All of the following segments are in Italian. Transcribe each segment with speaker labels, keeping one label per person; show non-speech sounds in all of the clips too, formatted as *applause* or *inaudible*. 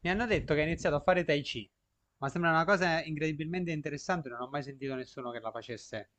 Speaker 1: Mi hanno detto che hai iniziato a fare Tai Chi, ma sembra una cosa incredibilmente interessante, non ho mai sentito nessuno che la facesse.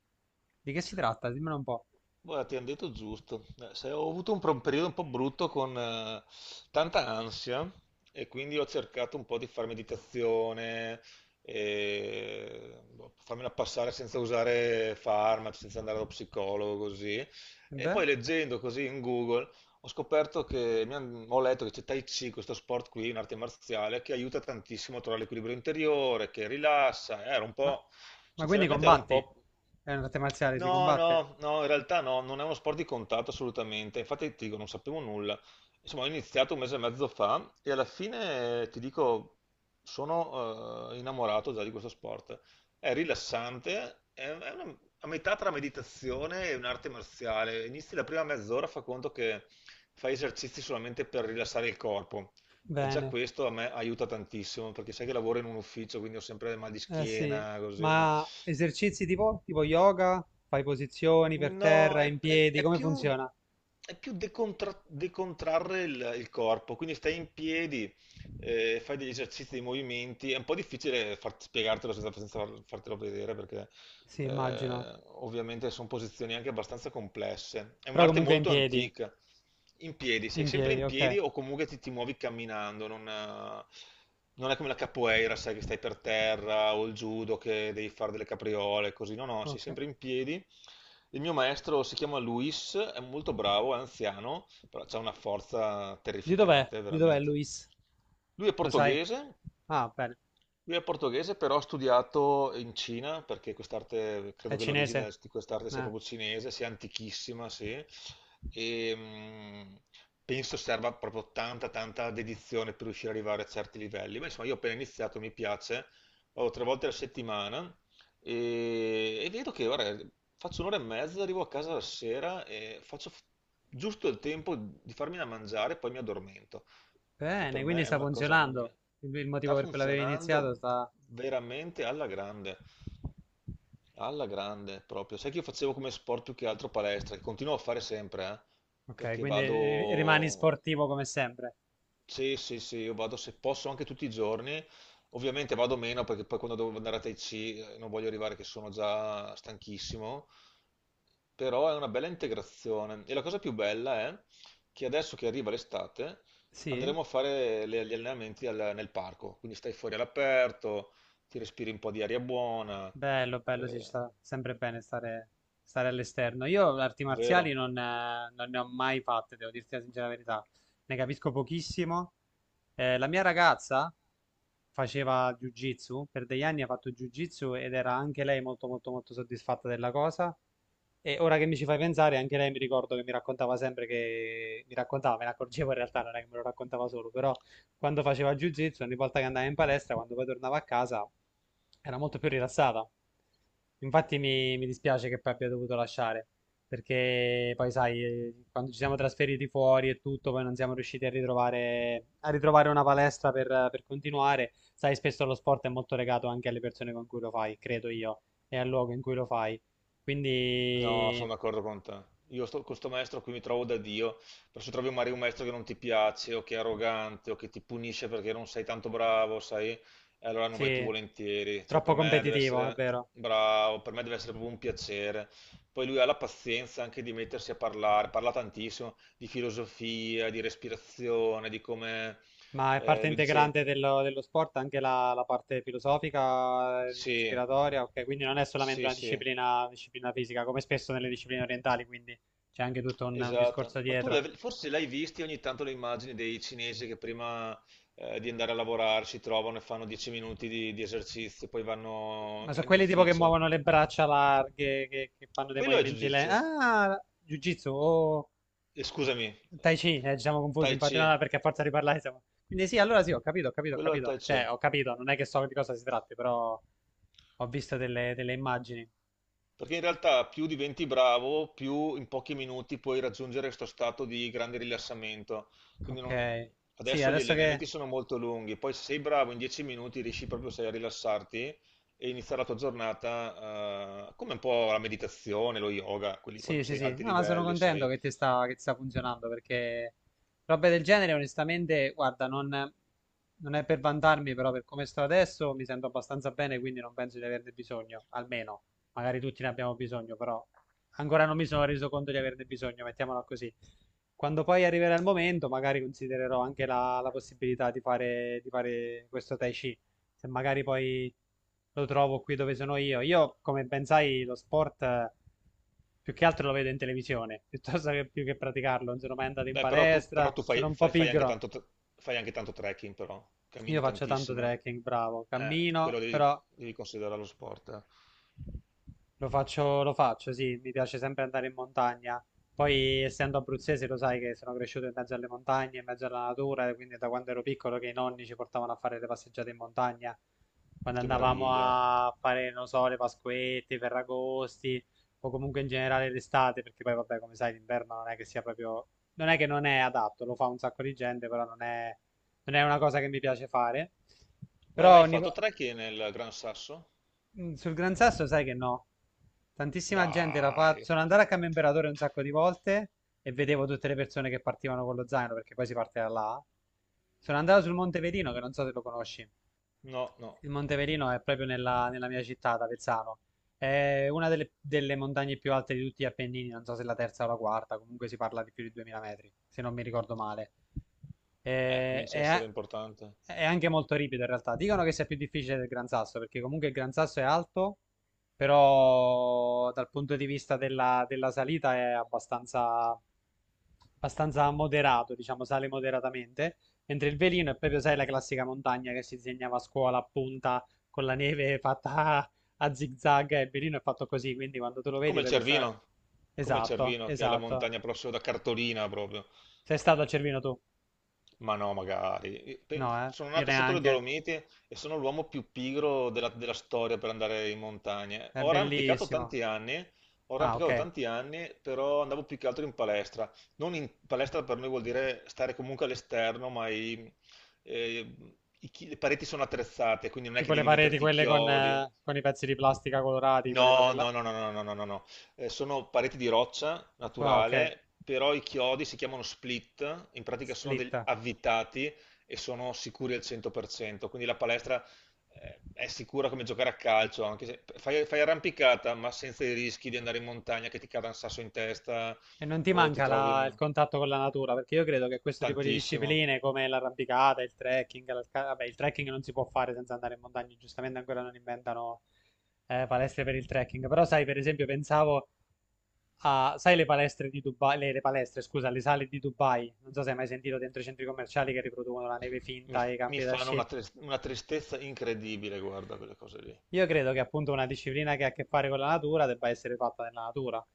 Speaker 1: Di che si tratta? Dimmelo un po'.
Speaker 2: Guarda, ti hanno detto giusto. Se ho avuto un periodo un po' brutto con tanta ansia e quindi ho cercato un po' di fare meditazione, e, boh, farmela passare senza usare farmaci, senza andare allo psicologo, così.
Speaker 1: E
Speaker 2: E
Speaker 1: beh,
Speaker 2: poi leggendo così in Google ho scoperto che ho letto che c'è Tai Chi, questo sport qui, un'arte marziale, che aiuta tantissimo a trovare l'equilibrio interiore, che rilassa. Ero un
Speaker 1: ma,
Speaker 2: po'
Speaker 1: ma quindi
Speaker 2: Sinceramente ero un
Speaker 1: combatti?
Speaker 2: po'.
Speaker 1: È un'arte marziale, si
Speaker 2: No,
Speaker 1: combatte?
Speaker 2: no, no, in realtà no, non è uno sport di contatto assolutamente, infatti ti dico, non sapevo nulla. Insomma, ho iniziato un mese e mezzo fa e alla fine ti dico, sono innamorato già di questo sport. È rilassante, è a metà tra meditazione e un'arte marziale. Inizi la prima mezz'ora, fa conto che fai esercizi solamente per rilassare il corpo. E già
Speaker 1: Bene,
Speaker 2: questo a me aiuta tantissimo, perché sai che lavoro in un ufficio, quindi ho sempre mal di
Speaker 1: eh sì,
Speaker 2: schiena, così.
Speaker 1: ma esercizi tipo yoga? Fai posizioni per
Speaker 2: No,
Speaker 1: terra,
Speaker 2: è,
Speaker 1: in
Speaker 2: è-
Speaker 1: piedi,
Speaker 2: è
Speaker 1: come
Speaker 2: più,
Speaker 1: funziona?
Speaker 2: è più decontra- decontrarre il corpo, quindi stai in piedi, fai degli esercizi, dei movimenti, è un po' difficile spiegartelo senza fartelo vedere, perché
Speaker 1: Sì, immagino.
Speaker 2: ovviamente sono posizioni anche abbastanza complesse. È
Speaker 1: Però
Speaker 2: un'arte
Speaker 1: comunque in
Speaker 2: molto
Speaker 1: piedi.
Speaker 2: antica. In piedi, sei
Speaker 1: In
Speaker 2: sempre
Speaker 1: piedi,
Speaker 2: in
Speaker 1: ok.
Speaker 2: piedi o comunque ti muovi camminando, non è come la capoeira, sai che stai per terra o il judo che devi fare delle capriole, così. No, no, sei
Speaker 1: Ok.
Speaker 2: sempre in piedi. Il mio maestro si chiama Luis, è molto bravo, è anziano, però ha una forza
Speaker 1: Di dov'è?
Speaker 2: terrificante,
Speaker 1: Di dov'è
Speaker 2: veramente.
Speaker 1: Luis?
Speaker 2: Lui è
Speaker 1: Lo sai?
Speaker 2: portoghese,
Speaker 1: Ah, bene.
Speaker 2: lui è portoghese, però ha studiato in Cina, perché quest'arte,
Speaker 1: È
Speaker 2: credo che
Speaker 1: cinese?
Speaker 2: l'origine di quest'arte sia
Speaker 1: Eh,
Speaker 2: proprio cinese, sia antichissima, sì, e penso serva proprio tanta dedizione per riuscire ad arrivare a certi livelli. Ma insomma, io ho appena iniziato, mi piace, vado tre volte alla settimana e vedo che, guarda, faccio un'ora e mezza, arrivo a casa la sera e faccio giusto il tempo di farmi da mangiare e poi mi addormento. Che per
Speaker 1: bene, quindi
Speaker 2: me è
Speaker 1: sta
Speaker 2: una cosa.
Speaker 1: funzionando. Il motivo
Speaker 2: Sta
Speaker 1: per cui l'avevi iniziato
Speaker 2: funzionando
Speaker 1: sta...
Speaker 2: veramente alla grande proprio. Sai che io facevo come sport più che altro palestra, che continuo a fare sempre,
Speaker 1: Ok,
Speaker 2: perché
Speaker 1: quindi rimani
Speaker 2: vado.
Speaker 1: sportivo come sempre.
Speaker 2: Sì, sì, sì, io vado se posso anche tutti i giorni. Ovviamente vado meno perché poi quando devo andare a Tai Chi non voglio arrivare che sono già stanchissimo, però è una bella integrazione. E la cosa più bella è che adesso che arriva l'estate
Speaker 1: Sì?
Speaker 2: andremo a fare gli allenamenti nel parco, quindi stai fuori all'aperto, ti respiri un po' di aria buona,
Speaker 1: Bello, bello, sì, ci
Speaker 2: eh,
Speaker 1: sta sempre bene stare all'esterno. Io arti marziali
Speaker 2: vero?
Speaker 1: non ne ho mai fatte, devo dirti la sincera verità. Ne capisco pochissimo. La mia ragazza faceva jiu-jitsu, per degli anni ha fatto jiu-jitsu ed era anche lei molto molto molto soddisfatta della cosa. E ora che mi ci fai pensare, anche lei mi ricordo che mi raccontava sempre, che mi raccontava, me ne accorgevo in realtà, non è che me lo raccontava solo, però quando faceva jiu-jitsu, ogni volta che andava in palestra, quando poi tornava a casa, era molto più rilassata. Infatti mi dispiace che poi abbia dovuto lasciare, perché poi sai, quando ci siamo trasferiti fuori e tutto, poi non siamo riusciti a ritrovare, una palestra per continuare. Sai, spesso lo sport è molto legato anche alle persone con cui lo fai, credo io, e al luogo in cui lo fai.
Speaker 2: No,
Speaker 1: Quindi
Speaker 2: sono d'accordo con te. Con questo maestro qui mi trovo da Dio, però se trovi magari un maestro che non ti piace o che è arrogante o che ti punisce perché non sei tanto bravo, sai, e allora non vai più
Speaker 1: sì,
Speaker 2: volentieri. Cioè, per
Speaker 1: troppo
Speaker 2: me deve
Speaker 1: competitivo, è
Speaker 2: essere
Speaker 1: vero.
Speaker 2: bravo, per me deve essere proprio un piacere. Poi lui ha la pazienza anche di mettersi a parlare, parla tantissimo di filosofia, di respirazione, di come
Speaker 1: Ma è parte
Speaker 2: lui dice
Speaker 1: integrante dello sport anche la parte filosofica,
Speaker 2: sì,
Speaker 1: ispiratoria, ok? Quindi non è solamente
Speaker 2: sì,
Speaker 1: una
Speaker 2: sì.
Speaker 1: disciplina fisica, come spesso nelle discipline orientali, quindi c'è anche tutto un
Speaker 2: Esatto,
Speaker 1: discorso
Speaker 2: ma tu
Speaker 1: dietro.
Speaker 2: forse l'hai visti ogni tanto le immagini dei cinesi che prima di andare a lavorare si trovano e fanno 10 minuti di esercizio, poi vanno
Speaker 1: Ma sono
Speaker 2: in
Speaker 1: quelli tipo che
Speaker 2: ufficio.
Speaker 1: muovono le braccia larghe, che fanno dei
Speaker 2: Quello è
Speaker 1: movimenti lenti.
Speaker 2: Jiu-Jitsu.
Speaker 1: Ah, jiu-jitsu o
Speaker 2: Scusami.
Speaker 1: Tai
Speaker 2: eh,
Speaker 1: Chi, ci siamo confusi,
Speaker 2: Tai
Speaker 1: infatti, no,
Speaker 2: Chi,
Speaker 1: no, perché a forza di parlare siamo... Quindi sì, allora sì, ho capito, ho capito, ho
Speaker 2: quello è
Speaker 1: capito.
Speaker 2: Tai
Speaker 1: Cioè,
Speaker 2: Chi.
Speaker 1: ho capito, non è che so di cosa si tratti, però ho visto delle immagini.
Speaker 2: Perché in realtà più diventi bravo, più in pochi minuti puoi raggiungere questo stato di grande rilassamento. Quindi
Speaker 1: Ok. Sì,
Speaker 2: adesso gli
Speaker 1: adesso
Speaker 2: allenamenti
Speaker 1: che...
Speaker 2: sono molto lunghi, poi se sei bravo in 10 minuti riesci proprio sai, a rilassarti e iniziare la tua giornata come un po' la meditazione, lo yoga, quelli quando
Speaker 1: Sì, sì,
Speaker 2: sei a
Speaker 1: sì,
Speaker 2: alti
Speaker 1: no, ma sono
Speaker 2: livelli,
Speaker 1: contento
Speaker 2: sai.
Speaker 1: che ti sta funzionando, perché robe del genere, onestamente, guarda, non è per vantarmi, però per come sto adesso mi sento abbastanza bene, quindi non penso di averne bisogno, almeno, magari tutti ne abbiamo bisogno, però ancora non mi sono reso conto di averne bisogno, mettiamola così. Quando poi arriverà il momento, magari considererò anche la possibilità di fare questo Tai Chi, se magari poi lo trovo qui dove sono io. Io, come ben sai, lo sport più che altro lo vedo in televisione, *laughs* piuttosto che più che praticarlo. Non sono mai andato in
Speaker 2: Beh, però tu, però
Speaker 1: palestra,
Speaker 2: tu
Speaker 1: sono un po' pigro.
Speaker 2: fai anche tanto trekking, però,
Speaker 1: Io
Speaker 2: cammini
Speaker 1: faccio tanto
Speaker 2: tantissimo.
Speaker 1: trekking, bravo, cammino,
Speaker 2: Quello devi,
Speaker 1: però...
Speaker 2: devi considerare lo sport.
Speaker 1: Lo faccio, sì, mi piace sempre andare in montagna. Poi, essendo abruzzese, lo sai che sono cresciuto in mezzo alle montagne, in mezzo alla natura, e quindi da quando ero piccolo che i nonni ci portavano a fare le passeggiate in montagna. Quando
Speaker 2: Che
Speaker 1: andavamo
Speaker 2: meraviglia.
Speaker 1: a fare, non so, le Pasquette, i Ferragosti, o comunque in generale l'estate, perché poi, vabbè, come sai, l'inverno non è che sia proprio... Non è che non è adatto, lo fa un sacco di gente, però non è una cosa che mi piace fare.
Speaker 2: Ma hai
Speaker 1: Però
Speaker 2: mai
Speaker 1: ogni...
Speaker 2: fatto trekking nel Gran Sasso?
Speaker 1: Sul Gran Sasso sai che no. Tantissima gente l'ha fatto.
Speaker 2: Dai,
Speaker 1: Sono andato a Cambio Imperatore un sacco di volte e vedevo tutte le persone che partivano con lo zaino, perché poi si parte da là. Sono andato sul Monte Verino, che non so se lo conosci.
Speaker 2: no, no,
Speaker 1: Il Monte Verino è proprio nella mia città, ad Avezzano. È una delle montagne più alte di tutti gli Appennini, non so se la terza o la quarta, comunque si parla di più di 2000 metri, se non mi ricordo male. Eh,
Speaker 2: comincia a essere
Speaker 1: è,
Speaker 2: importante.
Speaker 1: è anche molto ripido in realtà. Dicono che sia più difficile del Gran Sasso, perché comunque il Gran Sasso è alto, però dal punto di vista della salita è abbastanza moderato, diciamo, sale moderatamente, mentre il Velino è proprio, sai, la classica montagna che si disegnava a scuola a punta, con la neve fatta a zig-zag, e il mirino è fatto così, quindi quando tu lo vedi
Speaker 2: Come il
Speaker 1: proprio.
Speaker 2: Cervino, come il
Speaker 1: Esatto,
Speaker 2: Cervino, che è la
Speaker 1: esatto.
Speaker 2: montagna prossima da Cartolina proprio.
Speaker 1: Sei stato a Cervino tu?
Speaker 2: Ma no, magari.
Speaker 1: No, eh?
Speaker 2: Sono
Speaker 1: Io
Speaker 2: nato sotto le
Speaker 1: neanche.
Speaker 2: Dolomiti e sono l'uomo più pigro della, della storia per andare in montagna.
Speaker 1: È
Speaker 2: Ho arrampicato
Speaker 1: bellissimo.
Speaker 2: tanti anni, ho
Speaker 1: Ah,
Speaker 2: arrampicato
Speaker 1: ok.
Speaker 2: tanti anni, però andavo più che altro in palestra. Non in palestra per noi vuol dire stare comunque all'esterno, ma eh, le pareti sono attrezzate, quindi non è
Speaker 1: Tipo
Speaker 2: che
Speaker 1: le
Speaker 2: devi
Speaker 1: pareti
Speaker 2: metterti i
Speaker 1: quelle con,
Speaker 2: chiodi.
Speaker 1: eh, con i pezzi di plastica colorati, quelle cose
Speaker 2: No,
Speaker 1: là.
Speaker 2: no, no, no, no, no, no, no, no. Sono pareti di roccia
Speaker 1: Ah, ok.
Speaker 2: naturale, però i chiodi si chiamano split, in pratica sono
Speaker 1: Split.
Speaker 2: degli avvitati e sono sicuri al 100%, quindi la palestra è sicura come giocare a calcio, anche se fai, fai arrampicata, ma senza i rischi di andare in montagna che ti cada un sasso in testa
Speaker 1: E non ti
Speaker 2: o ti
Speaker 1: manca
Speaker 2: trovi
Speaker 1: il
Speaker 2: in-
Speaker 1: contatto con la natura, perché io credo che questo tipo di
Speaker 2: tantissimo.
Speaker 1: discipline come l'arrampicata, il trekking, vabbè, il trekking non si può fare senza andare in montagna, giustamente ancora non inventano palestre per il trekking, però sai, per esempio, pensavo sai le palestre di Dubai, le palestre, scusa, le sale di Dubai, non so se hai mai sentito, dentro i centri commerciali che riproducono la neve
Speaker 2: Mi,
Speaker 1: finta e i
Speaker 2: mi
Speaker 1: campi da
Speaker 2: fanno
Speaker 1: sci.
Speaker 2: una tristezza incredibile, guarda quelle cose lì.
Speaker 1: Io credo che appunto una disciplina che ha a che fare con la natura debba essere fatta nella natura,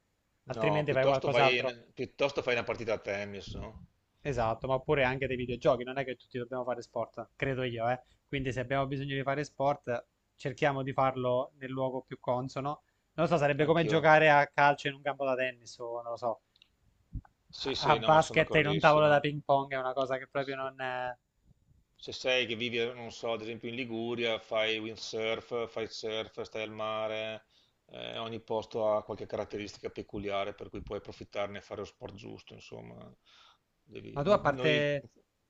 Speaker 2: No,
Speaker 1: altrimenti fai
Speaker 2: piuttosto fai,
Speaker 1: qualcos'altro.
Speaker 2: piuttosto fai una partita a tennis, no?
Speaker 1: Esatto, ma oppure anche dei videogiochi, non è che tutti dobbiamo fare sport, credo io, eh. Quindi se abbiamo bisogno di fare sport, cerchiamo di farlo nel luogo più consono. Non lo so, sarebbe come
Speaker 2: Anch'io.
Speaker 1: giocare a calcio in un campo da tennis o non lo so.
Speaker 2: Sì,
Speaker 1: A
Speaker 2: sì, no, ma sono
Speaker 1: basket in un tavolo da
Speaker 2: d'accordissimo.
Speaker 1: ping pong, è una cosa che proprio
Speaker 2: Sì.
Speaker 1: non è...
Speaker 2: Se sei che vivi, non so, ad esempio in Liguria, fai windsurf, fai surf, stai al mare, ogni posto ha qualche caratteristica peculiare per cui puoi approfittarne e fare lo sport giusto, insomma. Devi-
Speaker 1: Ma tu a parte...
Speaker 2: Noi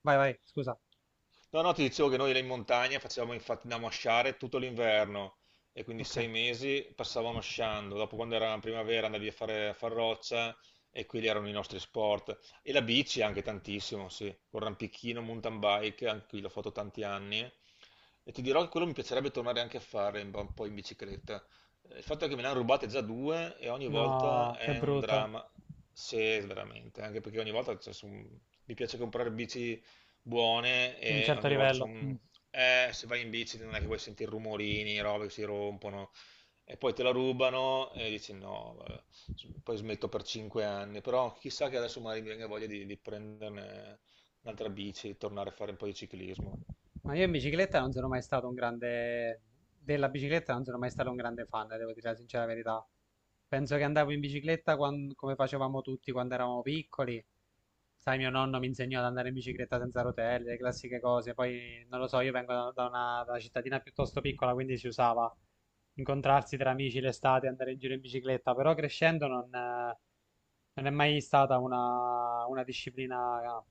Speaker 1: Vai, vai, scusa.
Speaker 2: No, no, ti dicevo che noi là in montagna facevamo infatti andavamo a sciare tutto l'inverno e quindi
Speaker 1: Ok.
Speaker 2: 6 mesi passavamo sciando. Dopo, quando era primavera, andavi a fare a far roccia e quelli erano i nostri sport. E la bici anche tantissimo, sì, con rampichino, mountain bike, anche qui l'ho fatto tanti anni. E ti dirò che quello mi piacerebbe tornare anche a fare un po' in bicicletta. Il fatto è che me ne hanno rubate già due e ogni volta
Speaker 1: No, che
Speaker 2: è un
Speaker 1: brutto.
Speaker 2: dramma. Sì, veramente, anche perché ogni volta cioè, mi piace comprare bici buone
Speaker 1: Di un
Speaker 2: e
Speaker 1: certo
Speaker 2: ogni volta
Speaker 1: livello. Mm.
Speaker 2: sono. Se vai in bici non è che vuoi sentire rumorini, robe che si rompono e poi te la rubano e dici no, vabbè, poi smetto per 5 anni, però chissà che adesso magari mi venga voglia di prenderne un'altra bici, tornare a fare un po' di ciclismo.
Speaker 1: Ma io in bicicletta non sono mai stato un grande... della bicicletta non sono mai stato un grande fan, devo dire la sincera verità. Penso che andavo in bicicletta come facevamo tutti quando eravamo piccoli. Sai, mio nonno mi insegnò ad andare in bicicletta senza rotelle, le classiche cose. Poi, non lo so, io vengo da una cittadina piuttosto piccola, quindi si usava incontrarsi tra amici l'estate, andare in giro in bicicletta. Però crescendo non è mai stata una disciplina ah,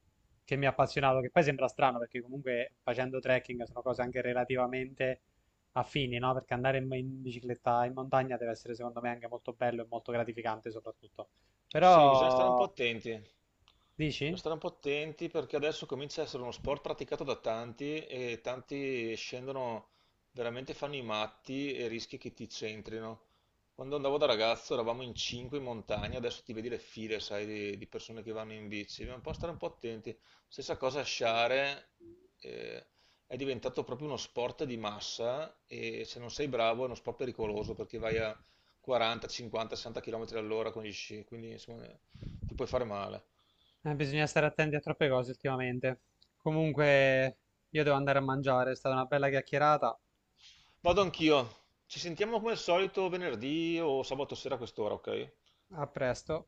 Speaker 1: che mi ha appassionato, che poi sembra strano, perché comunque facendo trekking sono cose anche relativamente affini, no? Perché andare in bicicletta in montagna deve essere secondo me anche molto bello e molto gratificante soprattutto.
Speaker 2: Sì, bisogna stare un po'
Speaker 1: Però,
Speaker 2: attenti. Bisogna
Speaker 1: dici?
Speaker 2: stare un po' attenti perché adesso comincia a essere uno sport praticato da tanti e tanti scendono, veramente fanno i matti e rischi che ti centrino. Quando andavo da ragazzo eravamo in cinque in montagna, adesso ti vedi le file, sai, di persone che vanno in bici. Bisogna un po' stare un po' attenti. Stessa cosa a sciare, eh, è diventato proprio uno sport di massa e se non sei bravo è uno sport pericoloso perché vai a 40, 50, 60 km all'ora con gli sci, quindi insomma ti puoi fare male.
Speaker 1: Bisogna stare attenti a troppe cose ultimamente. Comunque, io devo andare a mangiare, è stata una bella chiacchierata.
Speaker 2: Vado anch'io. Ci sentiamo come al solito venerdì o sabato sera a quest'ora, ok?
Speaker 1: A presto.